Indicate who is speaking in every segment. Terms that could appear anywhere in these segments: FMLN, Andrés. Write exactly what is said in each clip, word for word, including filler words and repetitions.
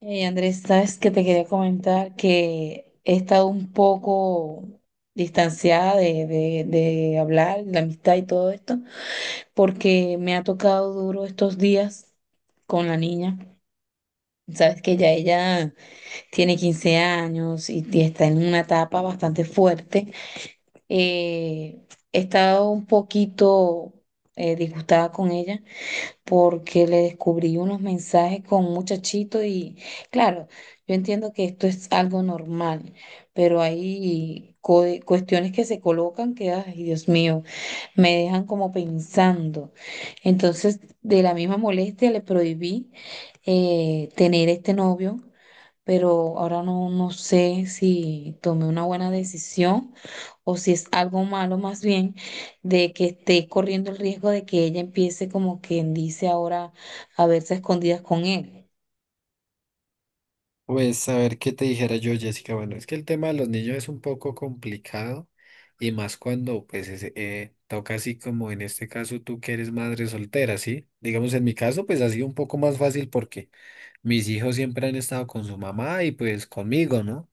Speaker 1: Hey Andrés, sabes que te quería comentar que he estado un poco distanciada de, de, de hablar, la amistad y todo esto, porque me ha tocado duro estos días con la niña. Sabes que ya ella tiene quince años y, y está en una etapa bastante fuerte. Eh, He estado un poquito eh, disgustada con ella porque le descubrí unos mensajes con un muchachito y claro, yo entiendo que esto es algo normal, pero hay co- cuestiones que se colocan que, ay, Dios mío, me dejan como pensando. Entonces, de la misma molestia le prohibí eh, tener este novio, pero ahora no, no sé si tomé una buena decisión o si es algo malo más bien, de que esté corriendo el riesgo de que ella empiece como quien dice ahora a verse a escondidas con él.
Speaker 2: Pues a ver qué te dijera yo, Jessica. Bueno, es que el tema de los niños es un poco complicado y más cuando pues es- eh, toca así como en este caso tú que eres madre soltera, ¿sí? Digamos en mi caso pues ha sido un poco más fácil porque mis hijos siempre han estado con su mamá y pues conmigo, ¿no?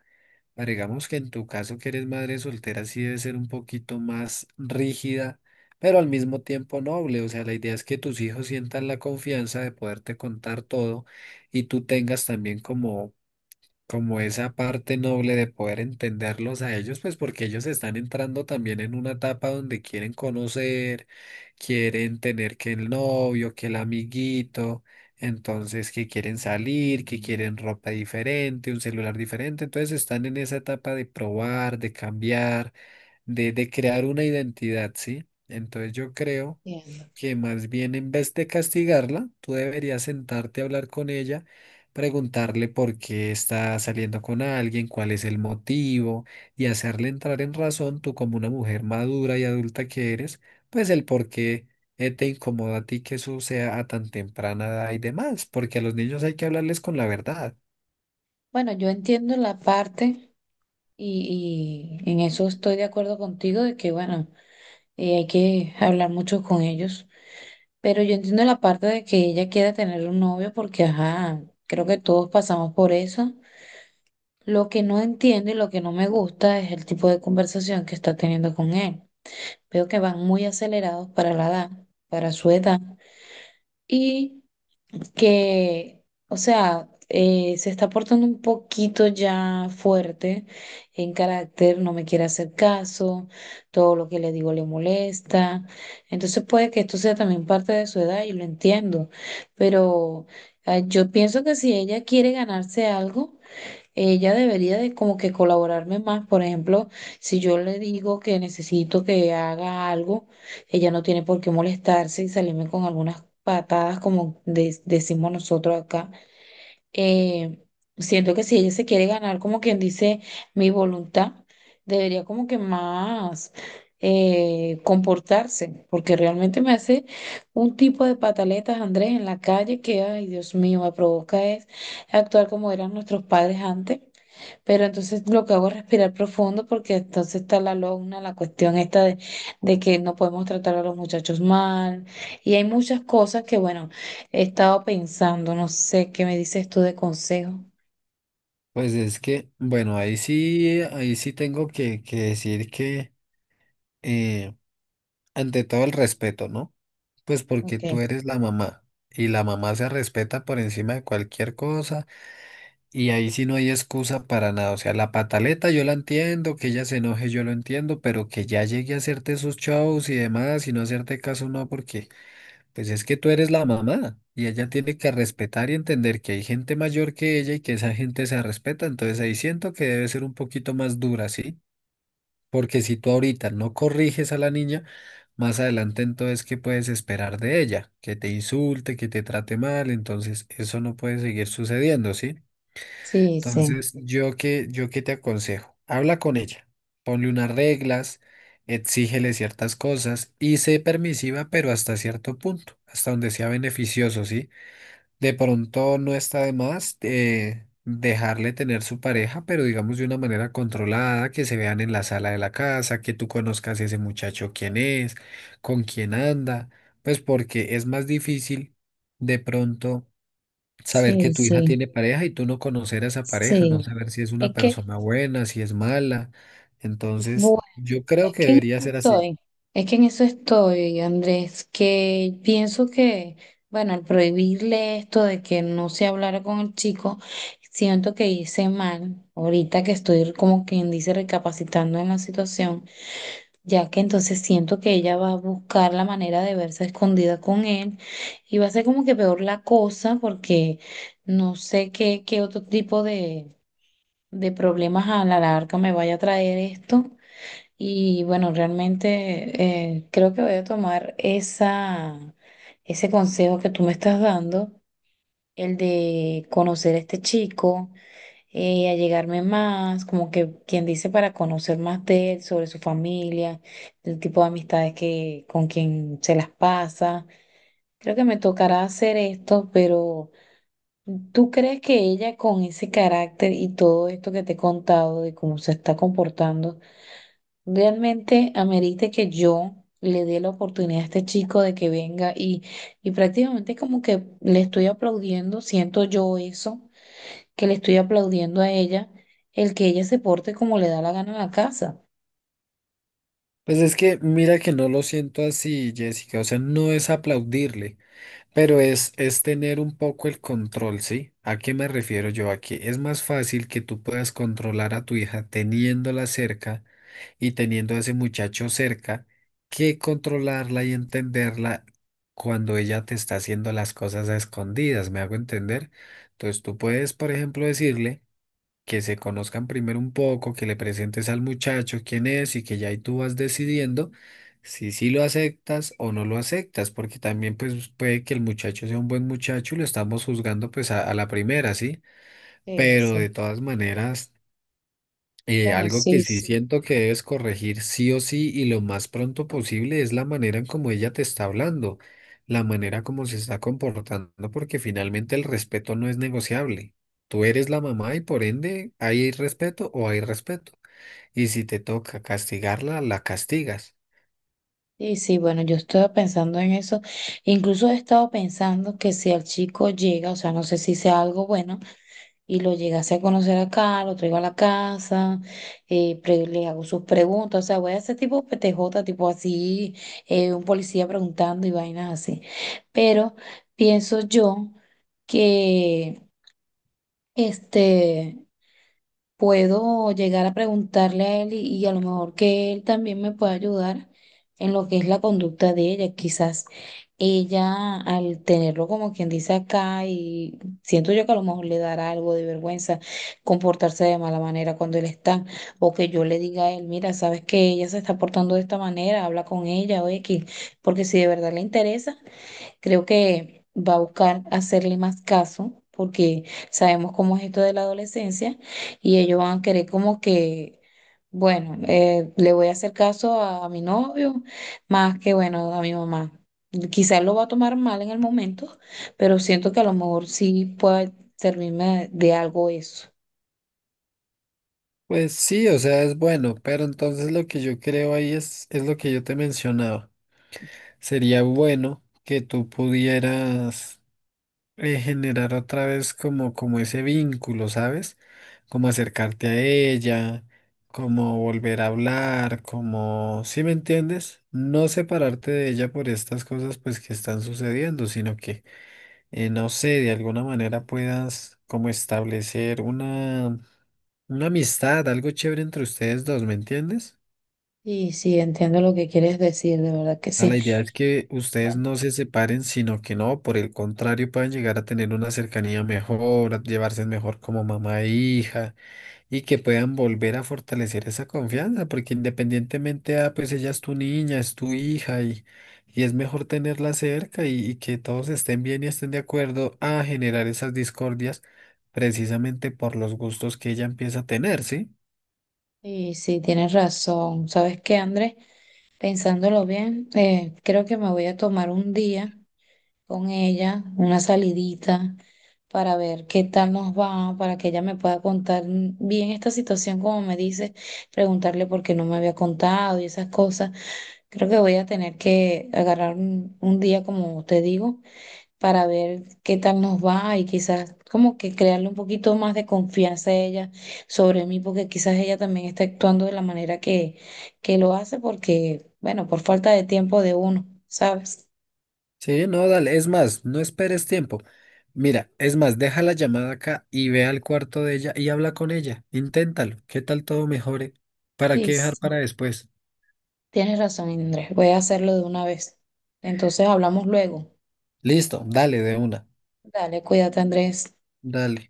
Speaker 2: Pero digamos que en tu caso que eres madre soltera sí debe ser un poquito más rígida, pero al mismo tiempo noble. O sea, la idea es que tus hijos sientan la confianza de poderte contar todo y tú tengas también como como esa parte noble de poder entenderlos a ellos, pues porque ellos están entrando también en una etapa donde quieren conocer, quieren tener que el novio, que el amiguito, entonces que quieren salir, que quieren ropa diferente, un celular diferente, entonces están en esa etapa de probar, de cambiar de, de crear una identidad, ¿sí? Entonces yo creo
Speaker 1: Entiendo.
Speaker 2: que más bien en vez de castigarla, tú deberías sentarte a hablar con ella, preguntarle por qué está saliendo con alguien, cuál es el motivo y hacerle entrar en razón, tú como una mujer madura y adulta que eres, pues el por qué eh, te incomoda a ti que eso sea a tan temprana edad y demás, porque a los niños hay que hablarles con la verdad.
Speaker 1: Bueno, yo entiendo la parte y, y en eso estoy de acuerdo contigo de que, bueno, eh, hay que hablar mucho con ellos, pero yo entiendo la parte de que ella quiera tener un novio porque, ajá, creo que todos pasamos por eso. Lo que no entiendo y lo que no me gusta es el tipo de conversación que está teniendo con él. Veo que van muy acelerados para la edad, para su edad, y que, o sea, eh, se está portando un poquito ya fuerte en carácter, no me quiere hacer caso, todo lo que le digo le molesta. Entonces puede que esto sea también parte de su edad y lo entiendo, pero eh, yo pienso que si ella quiere ganarse algo, ella debería de como que colaborarme más. Por ejemplo, si yo le digo que necesito que haga algo, ella no tiene por qué molestarse y salirme con algunas patadas como de- decimos nosotros acá. Eh, Siento que si ella se quiere ganar, como quien dice, mi voluntad, debería como que más eh, comportarse, porque realmente me hace un tipo de pataletas, Andrés, en la calle que, ay, Dios mío, me provoca es actuar como eran nuestros padres antes. Pero entonces lo que hago es respirar profundo porque entonces está la lona, la cuestión esta de, de que no podemos tratar a los muchachos mal. Y hay muchas cosas que, bueno, he estado pensando, no sé, ¿qué me dices tú de consejo?
Speaker 2: Pues es que, bueno, ahí sí, ahí sí tengo que, que decir que, eh, ante todo el respeto, ¿no? Pues porque
Speaker 1: Ok,
Speaker 2: tú eres la mamá y la mamá se respeta por encima de cualquier cosa y ahí sí no hay excusa para nada. O sea, la pataleta yo la entiendo, que ella se enoje yo lo entiendo, pero que ya llegue a hacerte sus shows y demás y no hacerte caso no, porque pues es que tú eres la mamá y ella tiene que respetar y entender que hay gente mayor que ella y que esa gente se respeta. Entonces ahí siento que debe ser un poquito más dura, ¿sí? Porque si tú ahorita no corriges a la niña, más adelante entonces, ¿qué puedes esperar de ella? Que te insulte, que te trate mal, entonces eso no puede seguir sucediendo, ¿sí?
Speaker 1: sí, sí,
Speaker 2: Entonces, yo que, yo qué te aconsejo, habla con ella, ponle unas reglas, exígele ciertas cosas y sé permisiva, pero hasta cierto punto, hasta donde sea beneficioso, ¿sí? De pronto no está de más eh, dejarle tener su pareja, pero digamos de una manera controlada, que se vean en la sala de la casa, que tú conozcas ese muchacho quién es, con quién anda, pues porque es más difícil de pronto saber que
Speaker 1: sí,
Speaker 2: tu hija
Speaker 1: sí,
Speaker 2: tiene pareja y tú no conocer a esa pareja, no
Speaker 1: sí.
Speaker 2: saber si es una
Speaker 1: Es que,
Speaker 2: persona buena, si es mala. Entonces,
Speaker 1: bu-
Speaker 2: yo
Speaker 1: es
Speaker 2: creo que
Speaker 1: que en
Speaker 2: debería
Speaker 1: eso
Speaker 2: ser así.
Speaker 1: estoy, es que en eso estoy, Andrés, que pienso que, bueno, al prohibirle esto de que no se hablara con el chico, siento que hice mal, ahorita que estoy como quien dice recapacitando en la situación, ya que entonces siento que ella va a buscar la manera de verse escondida con él y va a ser como que peor la cosa, porque no sé qué, qué otro tipo de, de problemas a la larga me vaya a traer esto. Y bueno, realmente eh, creo que voy a tomar esa, ese consejo que tú me estás dando, el de conocer a este chico, eh, allegarme más, como que quien dice, para conocer más de él, sobre su familia, el tipo de amistades que, con quien se las pasa. Creo que me tocará hacer esto, pero ¿tú crees que ella con ese carácter y todo esto que te he contado de cómo se está comportando realmente amerite que yo le dé la oportunidad a este chico de que venga y, y prácticamente como que le estoy aplaudiendo, siento yo eso, que le estoy aplaudiendo a ella, el que ella se porte como le da la gana a la casa?
Speaker 2: Pues es que mira que no lo siento así, Jessica, o sea, no es aplaudirle. Pero es, es tener un poco el control, ¿sí? ¿A qué me refiero yo aquí? Es más fácil que tú puedas controlar a tu hija teniéndola cerca y teniendo a ese muchacho cerca que controlarla y entenderla cuando ella te está haciendo las cosas a escondidas, ¿me hago entender? Entonces tú puedes, por ejemplo, decirle que se conozcan primero un poco, que le presentes al muchacho quién es y que ya ahí tú vas decidiendo si sí lo aceptas o no lo aceptas, porque también pues puede que el muchacho sea un buen muchacho y lo estamos juzgando pues a, a la primera, ¿sí?
Speaker 1: Sí,
Speaker 2: Pero
Speaker 1: sí.
Speaker 2: de todas maneras... Eh,
Speaker 1: Bueno,
Speaker 2: algo
Speaker 1: sí,
Speaker 2: que sí
Speaker 1: s-
Speaker 2: siento que debes corregir sí o sí y lo más pronto posible es la manera en cómo ella te está hablando, la manera como se está comportando, porque finalmente el respeto no es negociable. Tú eres la mamá y por ende hay respeto o hay respeto. Y si te toca castigarla, la castigas.
Speaker 1: sí, sí, bueno, yo estaba pensando en eso. Incluso he estado pensando que si el chico llega, o sea, no sé si sea algo bueno, y lo llegase a conocer acá, lo traigo a la casa, eh, pre- le hago sus preguntas, o sea, voy a hacer tipo P T J, tipo así, eh, un policía preguntando y vainas así. Pero pienso yo que este puedo llegar a preguntarle a él y, y a lo mejor que él también me pueda ayudar en lo que es la conducta de ella. Quizás ella, al tenerlo como quien dice acá, y siento yo que a lo mejor le dará algo de vergüenza comportarse de mala manera cuando él está, o que yo le diga a él, mira, sabes que ella se está portando de esta manera, habla con ella o X, porque si de verdad le interesa, creo que va a buscar hacerle más caso, porque sabemos cómo es esto de la adolescencia y ellos van a querer como que, bueno, eh, le voy a hacer caso a, a mi novio más que, bueno, a mi mamá. Quizás lo va a tomar mal en el momento, pero siento que a lo mejor sí puede servirme de algo eso.
Speaker 2: Pues sí, o sea, es bueno, pero entonces lo que yo creo ahí es, es lo que yo te mencionaba. Sería bueno que tú pudieras eh, generar otra vez como, como ese vínculo, ¿sabes? Como acercarte a ella, como volver a hablar, como, ¿sí me entiendes? No separarte de ella por estas cosas pues que están sucediendo, sino que, eh, no sé, de alguna manera puedas como establecer una, una amistad, algo chévere entre ustedes dos, ¿me entiendes?
Speaker 1: Y sí, entiendo lo que quieres decir, de verdad que
Speaker 2: Sea,
Speaker 1: sí.
Speaker 2: la idea es que ustedes
Speaker 1: Bueno,
Speaker 2: no se separen, sino que no, por el contrario, puedan llegar a tener una cercanía mejor, a llevarse mejor como mamá e hija, y que puedan volver a fortalecer esa confianza, porque independientemente, ah, pues ella es tu niña, es tu hija, y, y es mejor tenerla cerca y, y que todos estén bien y estén de acuerdo a generar esas discordias precisamente por los gustos que ella empieza a tener, ¿sí?
Speaker 1: y sí, tienes razón. ¿Sabes qué, Andrés? Pensándolo bien, eh, creo que me voy a tomar un día con ella, una salidita, para ver qué tal nos va, para que ella me pueda contar, mm, bien esta situación, como me dice, preguntarle por qué no me había contado y esas cosas. Creo que voy a tener que agarrar un, un día, como te digo, para ver qué tal nos va y quizás como que crearle un poquito más de confianza a ella sobre mí, porque quizás ella también está actuando de la manera que, que lo hace, porque, bueno, por falta de tiempo de uno, ¿sabes?
Speaker 2: Sí, no, dale. Es más, no esperes tiempo. Mira, es más, deja la llamada acá y ve al cuarto de ella y habla con ella. Inténtalo. ¿Qué tal todo mejore? ¿Para
Speaker 1: Sí,
Speaker 2: qué dejar
Speaker 1: sí.
Speaker 2: para después?
Speaker 1: Tienes razón, Andrés, voy a hacerlo de una vez. Entonces hablamos luego.
Speaker 2: Listo, dale de una.
Speaker 1: Dale, cuídate, Andrés.
Speaker 2: Dale.